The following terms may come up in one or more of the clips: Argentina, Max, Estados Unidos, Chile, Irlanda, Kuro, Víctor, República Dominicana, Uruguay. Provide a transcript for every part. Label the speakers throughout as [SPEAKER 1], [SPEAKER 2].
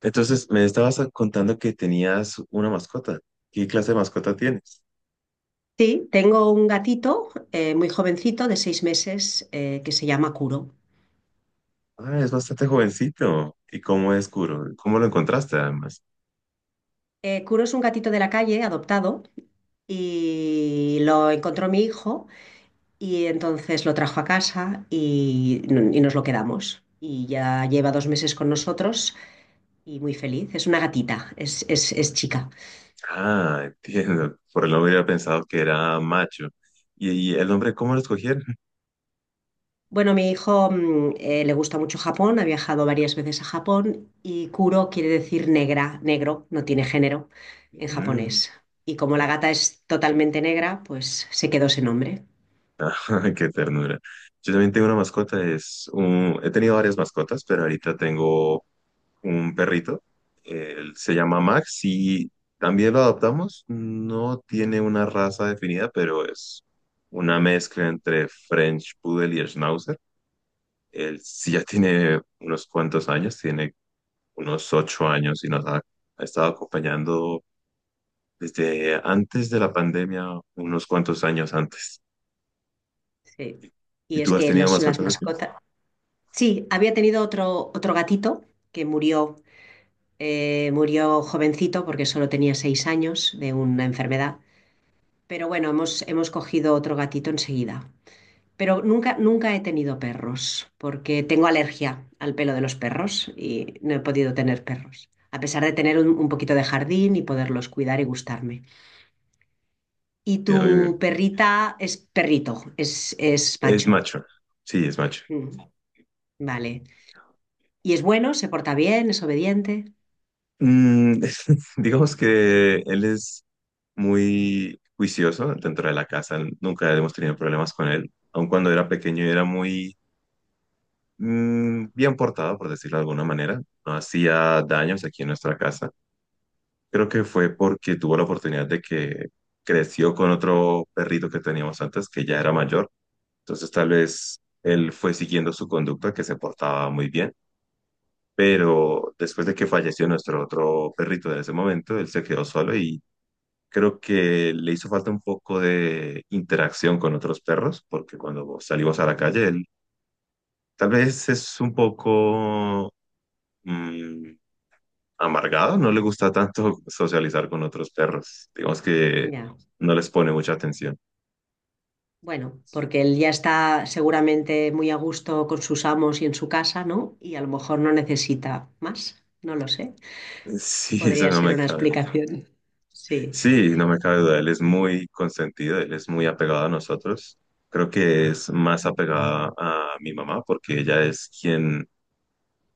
[SPEAKER 1] Entonces, me estabas contando que tenías una mascota. ¿Qué clase de mascota tienes?
[SPEAKER 2] Sí, tengo un gatito muy jovencito de 6 meses que se llama Kuro.
[SPEAKER 1] Ah, es bastante jovencito. ¿Y cómo es Kuro? ¿Cómo lo encontraste además?
[SPEAKER 2] Kuro es un gatito de la calle adoptado y lo encontró mi hijo y entonces lo trajo a casa y nos lo quedamos. Y ya lleva 2 meses con nosotros y muy feliz. Es una gatita, es chica.
[SPEAKER 1] Ah, entiendo. Por el nombre hubiera pensado que era macho. ¿Y el nombre, ¿cómo lo escogieron?
[SPEAKER 2] Bueno, mi hijo le gusta mucho Japón, ha viajado varias veces a Japón y Kuro quiere decir negra, negro, no tiene género en
[SPEAKER 1] Mm.
[SPEAKER 2] japonés. Y como la
[SPEAKER 1] eh,
[SPEAKER 2] gata es totalmente negra, pues se quedó ese nombre.
[SPEAKER 1] Qué ternura. Yo también tengo una mascota. He tenido varias mascotas, pero ahorita tengo un perrito, él se llama Max y también lo adoptamos. No tiene una raza definida, pero es una mezcla entre French Poodle y Schnauzer. Él sí ya tiene unos cuantos años, tiene unos ocho años y nos ha estado acompañando desde antes de la pandemia, unos cuantos años antes.
[SPEAKER 2] Sí.
[SPEAKER 1] ¿Y
[SPEAKER 2] Y es
[SPEAKER 1] tú has
[SPEAKER 2] que
[SPEAKER 1] tenido
[SPEAKER 2] las
[SPEAKER 1] mascotas antes?
[SPEAKER 2] mascotas... Sí, había tenido otro gatito que murió, murió jovencito porque solo tenía 6 años de una enfermedad. Pero bueno, hemos cogido otro gatito enseguida. Pero nunca, nunca he tenido perros, porque tengo alergia al pelo de los perros y no he podido tener perros, a pesar de tener un poquito de jardín y poderlos cuidar y gustarme. Y
[SPEAKER 1] Sí, oye.
[SPEAKER 2] tu perrita es perrito, es
[SPEAKER 1] Es
[SPEAKER 2] macho.
[SPEAKER 1] macho, sí, es macho.
[SPEAKER 2] Mm, vale. Y es bueno, se porta bien, es obediente.
[SPEAKER 1] Mm. Digamos que él es muy juicioso dentro de la casa, nunca hemos tenido problemas con él; aun cuando era pequeño era muy bien portado, por decirlo de alguna manera, no hacía daños aquí en nuestra casa. Creo que fue porque tuvo la oportunidad de que creció con otro perrito que teníamos antes, que ya era mayor, entonces tal vez él fue siguiendo su conducta, que se portaba muy bien. Pero después de que falleció nuestro otro perrito de ese momento, él se quedó solo y creo que le hizo falta un poco de interacción con otros perros, porque cuando salimos a la calle, él tal vez es un poco mm, amargado, no le gusta tanto socializar con otros perros. Digamos que
[SPEAKER 2] Ya.
[SPEAKER 1] no les pone mucha atención.
[SPEAKER 2] Bueno, porque él ya está seguramente muy a gusto con sus amos y en su casa, ¿no? Y a lo mejor no necesita más, no lo sé.
[SPEAKER 1] Sí, eso
[SPEAKER 2] Podría
[SPEAKER 1] no
[SPEAKER 2] ser
[SPEAKER 1] me
[SPEAKER 2] una
[SPEAKER 1] cabe.
[SPEAKER 2] explicación. Sí.
[SPEAKER 1] Sí, no me cabe duda. Él es muy consentido, él es muy apegado a nosotros. Creo que es más apegada a mi mamá porque ella es quien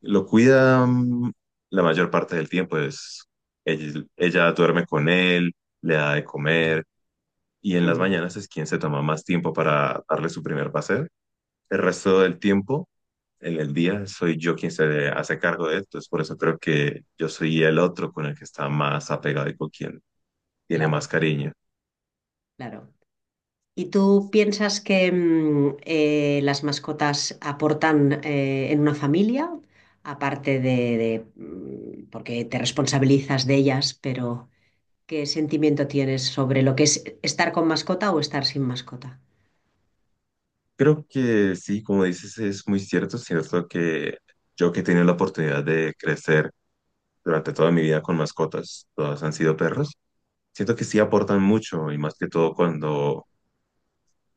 [SPEAKER 1] lo cuida la mayor parte del tiempo, es ella duerme con él, le da de comer y en las
[SPEAKER 2] Mm.
[SPEAKER 1] mañanas es quien se toma más tiempo para darle su primer paseo. El resto del tiempo, en el día, soy yo quien se hace cargo de esto, es por eso creo que yo soy el otro con el que está más apegado y con quien tiene más
[SPEAKER 2] Claro,
[SPEAKER 1] cariño.
[SPEAKER 2] claro. ¿Y tú piensas que las mascotas aportan en una familia, aparte de, porque te responsabilizas de ellas, pero qué sentimiento tienes sobre lo que es estar con mascota o estar sin mascota?
[SPEAKER 1] Creo que sí, como dices, es muy cierto que yo, que he tenido la oportunidad de crecer durante toda mi vida con mascotas, todas han sido perros, siento que sí aportan mucho, y más que todo cuando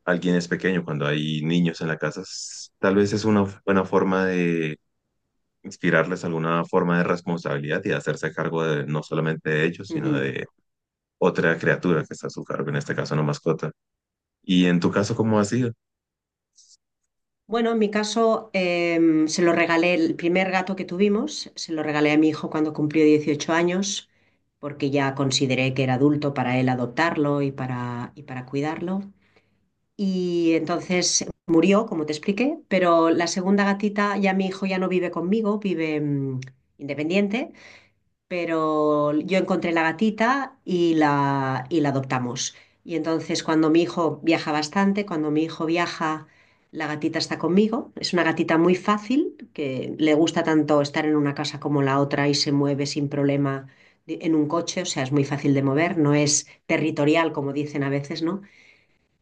[SPEAKER 1] alguien es pequeño, cuando hay niños en la casa, tal vez es una buena forma de inspirarles alguna forma de responsabilidad y de hacerse cargo de no solamente de ellos, sino
[SPEAKER 2] Ujú.
[SPEAKER 1] de otra criatura que está a su cargo, en este caso una mascota. Y en tu caso, ¿cómo ha sido?
[SPEAKER 2] Bueno, en mi caso, se lo regalé, el primer gato que tuvimos, se lo regalé a mi hijo cuando cumplió 18 años, porque ya consideré que era adulto para él adoptarlo y para cuidarlo. Y entonces murió, como te expliqué, pero la segunda gatita, ya mi hijo ya no vive conmigo, vive independiente, pero yo encontré la gatita y la adoptamos. Y entonces cuando mi hijo viaja bastante, cuando mi hijo viaja, la gatita está conmigo. Es una gatita muy fácil, que le gusta tanto estar en una casa como la otra y se mueve sin problema en un coche, o sea, es muy fácil de mover, no es territorial como dicen a veces, ¿no?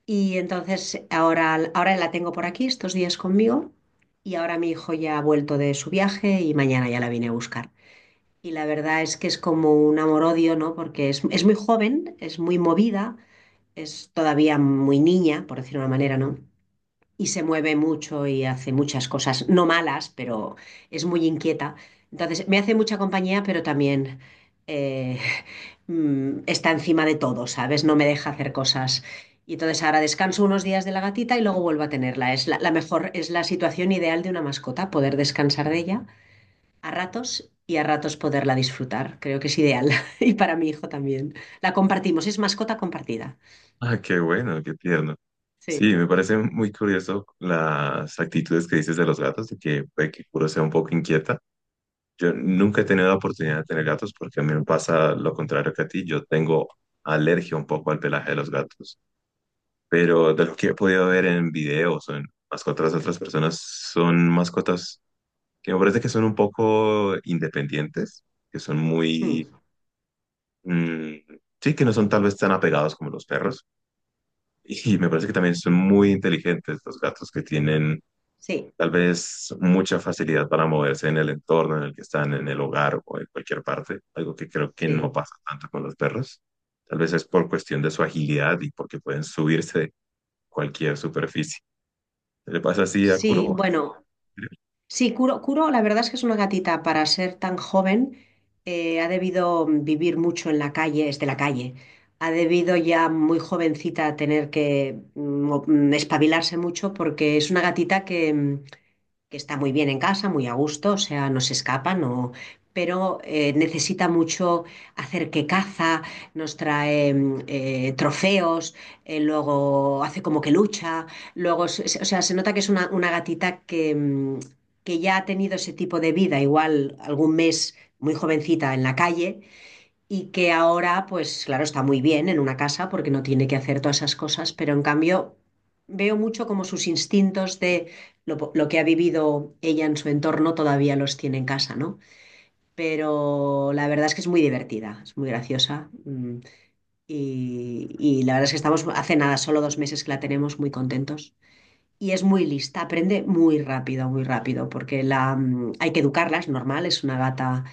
[SPEAKER 2] Y entonces ahora la tengo por aquí, estos días conmigo, y ahora mi hijo ya ha vuelto de su viaje y mañana ya la vine a buscar. Y la verdad es que es como un amor-odio, ¿no? Porque es muy joven, es muy movida, es todavía muy niña, por decirlo de una manera, ¿no? Y se mueve mucho y hace muchas cosas, no malas, pero es muy inquieta. Entonces, me hace mucha compañía, pero también eh, está encima de todo, ¿sabes? No me deja hacer cosas. Y entonces ahora descanso unos días de la gatita y luego vuelvo a tenerla. Es la mejor, es la situación ideal de una mascota, poder descansar de ella a ratos y a ratos poderla disfrutar. Creo que es ideal. Y para mi hijo también. La compartimos, es mascota compartida.
[SPEAKER 1] Ah, qué bueno, qué tierno.
[SPEAKER 2] Sí,
[SPEAKER 1] Sí, me parece muy curioso las actitudes que dices de los gatos, de que puede que Kuro sea un poco inquieta. Yo nunca he tenido la oportunidad de tener gatos porque a mí me pasa lo contrario que a ti. Yo tengo alergia un poco al pelaje de los gatos, pero de lo que he podido ver en videos o en mascotas de otras personas, son mascotas que me parece que son un poco independientes, que son muy,
[SPEAKER 2] mm,
[SPEAKER 1] mm, sí, que no son tal vez tan apegados como los perros. Y me parece que también son muy inteligentes los gatos, que tienen
[SPEAKER 2] sí,
[SPEAKER 1] tal vez mucha facilidad para moverse en el entorno en el que están, en el hogar o en cualquier parte, algo que creo que no
[SPEAKER 2] sí.
[SPEAKER 1] pasa tanto con los perros. Tal vez es por cuestión de su agilidad y porque pueden subirse de cualquier superficie. Le pasa así a
[SPEAKER 2] Sí,
[SPEAKER 1] Kuro.
[SPEAKER 2] bueno. Sí, Kuro, la verdad es que es una gatita para ser tan joven, ha debido vivir mucho en la calle, es de la calle, ha debido ya muy jovencita tener que espabilarse mucho porque es una gatita que está muy bien en casa, muy a gusto, o sea, no se escapa, no, pero necesita mucho hacer que caza, nos trae trofeos, luego hace como que lucha, luego, o sea, se nota que es una gatita que ya ha tenido ese tipo de vida, igual algún mes muy jovencita en la calle y que ahora, pues claro, está muy bien en una casa porque no tiene que hacer todas esas cosas, pero en cambio veo mucho como sus instintos de lo que ha vivido ella en su entorno todavía los tiene en casa, ¿no? Pero la verdad es que es muy divertida, es muy graciosa y la verdad es que estamos hace nada, solo 2 meses que la tenemos muy contentos. Y es muy lista, aprende muy rápido, porque hay que educarla, es normal, es una gata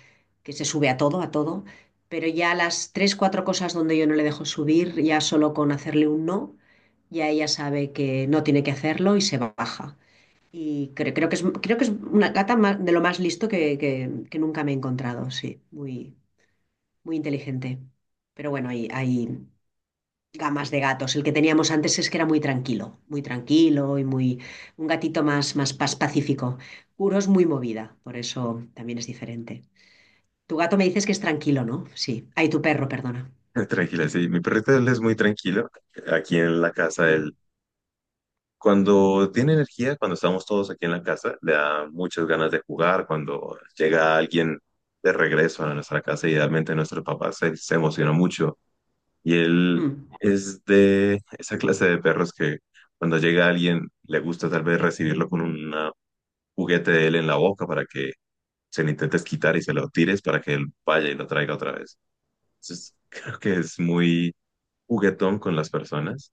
[SPEAKER 2] que se sube a todo, pero ya las tres, cuatro cosas donde yo no le dejo subir, ya solo con hacerle un no, ya ella sabe que no tiene que hacerlo y se baja. Y creo que es una gata de lo más listo que nunca me he encontrado, sí, muy, muy inteligente. Pero bueno, hay gamas de gatos. El que teníamos antes es que era muy tranquilo y muy un gatito pacífico. Kuro es muy movida, por eso también es diferente. Tu gato me dices que es tranquilo, ¿no? Sí. Ay, tu perro, perdona.
[SPEAKER 1] Tranquila, sí. Mi perrito, él es muy tranquilo. Aquí en la casa,
[SPEAKER 2] Mm,
[SPEAKER 1] él, cuando tiene energía, cuando estamos todos aquí en la casa, le da muchas ganas de jugar. Cuando llega alguien de regreso a nuestra casa, idealmente nuestro papá se emociona mucho. Y él
[SPEAKER 2] mm.
[SPEAKER 1] es de esa clase de perros que cuando llega alguien le gusta tal vez recibirlo con un juguete de él en la boca para que se lo intentes quitar y se lo tires para que él vaya y lo traiga otra vez. Entonces, creo que es muy juguetón con las personas,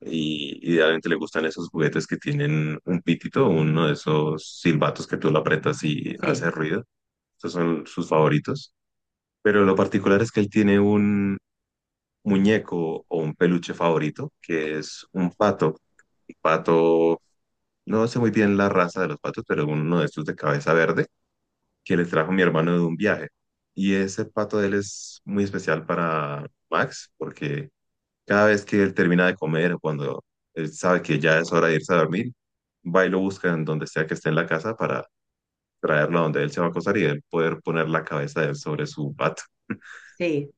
[SPEAKER 1] y idealmente le gustan esos juguetes que tienen un pitito, uno de esos silbatos que tú lo apretas y
[SPEAKER 2] Sí,
[SPEAKER 1] hace ruido. Esos son sus favoritos. Pero lo particular es que él tiene un muñeco o un peluche favorito, que es un pato. Un pato, no sé muy bien la raza de los patos, pero uno de estos de cabeza verde, que le trajo mi hermano de un viaje. Y ese pato de él es muy especial para Max, porque cada vez que él termina de comer o cuando él sabe que ya es hora de irse a dormir, va y lo busca en donde sea que esté en la casa para traerlo a donde él se va a acostar y él poder poner la cabeza de él sobre su pato.
[SPEAKER 2] sí.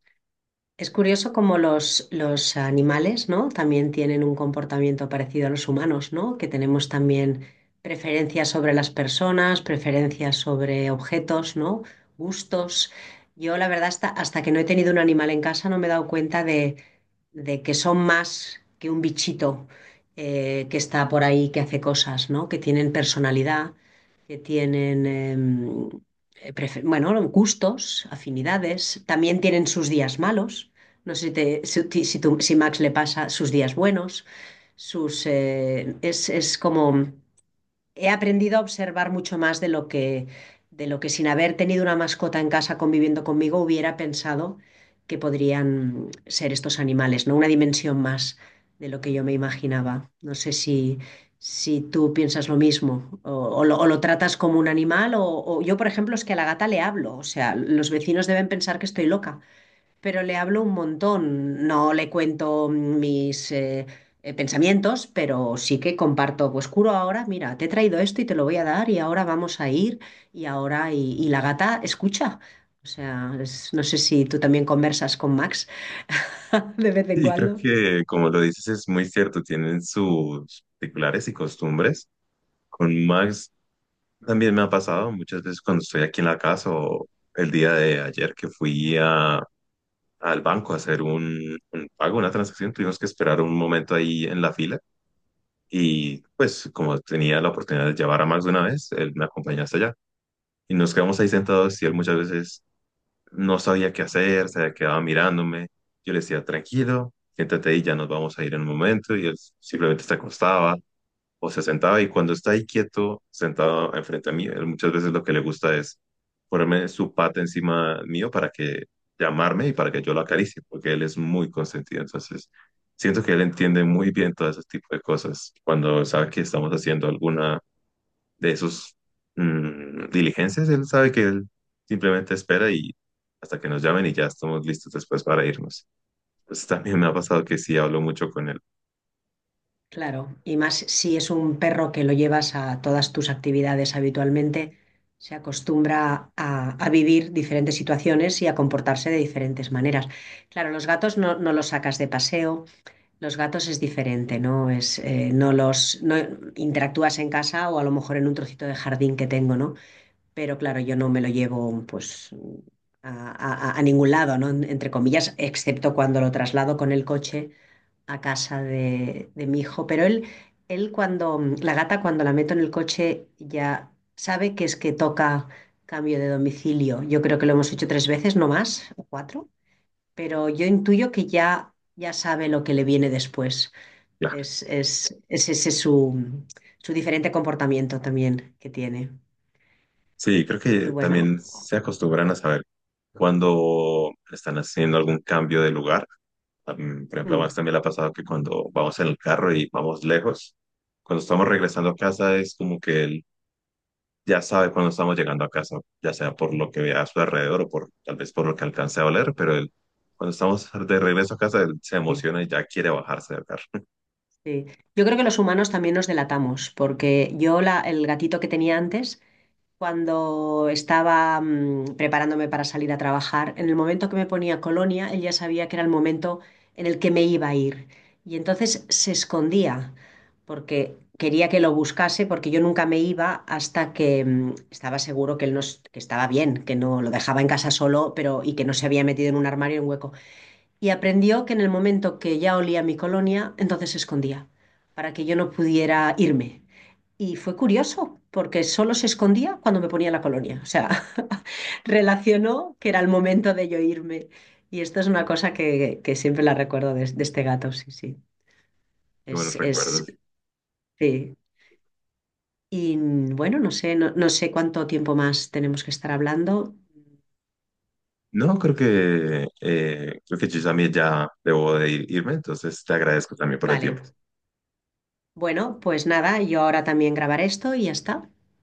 [SPEAKER 2] Es curioso cómo los animales, ¿no? También tienen un comportamiento parecido a los humanos, ¿no? Que tenemos también preferencias sobre las personas, preferencias sobre objetos, ¿no? Gustos. Yo, la verdad, hasta que no he tenido un animal en casa, no me he dado cuenta de que son más que un bichito que está por ahí, que hace cosas, ¿no? Que tienen personalidad, que tienen, bueno, gustos, afinidades, también tienen sus días malos. No sé si Max le pasa sus días buenos, sus, es como he aprendido a observar mucho más de lo que sin haber tenido una mascota en casa conviviendo conmigo hubiera pensado que podrían ser estos animales, ¿no? Una dimensión más de lo que yo me imaginaba. No sé si, si tú piensas lo mismo o lo tratas como un animal o yo, por ejemplo, es que a la gata le hablo. O sea, los vecinos deben pensar que estoy loca, pero le hablo un montón. No le cuento mis pensamientos, pero sí que comparto, pues curo ahora, mira, te he traído esto y te lo voy a dar y ahora vamos a ir y ahora y la gata escucha. O sea, no sé si tú también conversas con Max de vez en
[SPEAKER 1] Sí, creo
[SPEAKER 2] cuando.
[SPEAKER 1] que como lo dices es muy cierto, tienen sus particulares y costumbres. Con Max también me ha pasado muchas veces cuando estoy aquí en la casa, o el día de ayer que fui al banco a hacer un pago, una transacción, tuvimos que esperar un momento ahí en la fila, y pues como tenía la oportunidad de llevar a Max de una vez, él me acompañó hasta allá y nos quedamos ahí sentados, y él muchas veces no sabía qué hacer, se quedaba mirándome. Yo le decía: tranquilo, siéntate ahí, ya nos vamos a ir en un momento. Y él simplemente se acostaba o se sentaba. Y cuando está ahí quieto, sentado enfrente a mí, él muchas veces lo que le gusta es ponerme su pata encima mío para que llamarme y para que yo lo acaricie, porque él es muy consentido. Entonces, siento que él entiende muy bien todo ese tipo de cosas. Cuando sabe que estamos haciendo alguna de esos diligencias, él sabe que él simplemente espera y hasta que nos llamen y ya estamos listos después para irnos. Pues también me ha pasado que sí hablo mucho con él.
[SPEAKER 2] Claro, y más si es un perro que lo llevas a todas tus actividades habitualmente, se acostumbra a vivir diferentes situaciones y a comportarse de diferentes maneras. Claro, los gatos no, no los sacas de paseo, los gatos es diferente, ¿no? Es, no los no interactúas en casa o a lo mejor en un trocito de jardín que tengo, ¿no? Pero claro, yo no me lo llevo pues a, a ningún lado, ¿no? Entre comillas, excepto cuando lo traslado con el coche a casa de mi hijo, pero la gata cuando la meto en el coche ya sabe que es que toca cambio de domicilio. Yo creo que lo hemos hecho tres veces, no más, o cuatro, pero yo intuyo que ya sabe lo que le viene después.
[SPEAKER 1] Claro.
[SPEAKER 2] Es ese su diferente comportamiento también que tiene.
[SPEAKER 1] Sí, creo
[SPEAKER 2] Y sí,
[SPEAKER 1] que
[SPEAKER 2] bueno.
[SPEAKER 1] también se acostumbran a saber cuando están haciendo algún cambio de lugar. Por
[SPEAKER 2] Sí.
[SPEAKER 1] ejemplo, a Max
[SPEAKER 2] Mm,
[SPEAKER 1] también le ha pasado que cuando vamos en el carro y vamos lejos, cuando estamos regresando a casa es como que él ya sabe cuando estamos llegando a casa, ya sea por lo que vea a su alrededor o por tal vez por lo que alcance a oler, pero él, cuando estamos de regreso a casa, él se
[SPEAKER 2] sí,
[SPEAKER 1] emociona y ya quiere bajarse del carro.
[SPEAKER 2] sí. Yo creo que los humanos también nos delatamos, porque yo la, el gatito que tenía antes cuando estaba preparándome para salir a trabajar, en el momento que me ponía colonia, él ya sabía que era el momento en el que me iba a ir. Y entonces se escondía, porque quería que lo buscase, porque yo nunca me iba hasta que estaba seguro que él no, que estaba bien, que no lo dejaba en casa solo, pero y que no se había metido en un armario en un hueco y aprendió que en el momento que ya olía mi colonia, entonces se escondía, para que yo no pudiera irme. Y fue curioso, porque solo se escondía cuando me ponía la colonia. O sea, relacionó que era el momento de yo irme. Y esto es una cosa que siempre la recuerdo de este gato, sí, sí.
[SPEAKER 1] Qué
[SPEAKER 2] Es,
[SPEAKER 1] buenos
[SPEAKER 2] es,
[SPEAKER 1] recuerdos.
[SPEAKER 2] sí. Y bueno, no sé, no, no sé cuánto tiempo más tenemos que estar hablando.
[SPEAKER 1] No, creo que yo también ya debo de irme, entonces te agradezco también por el tiempo.
[SPEAKER 2] Vale. Bueno, pues nada, yo ahora también grabaré esto y ya está.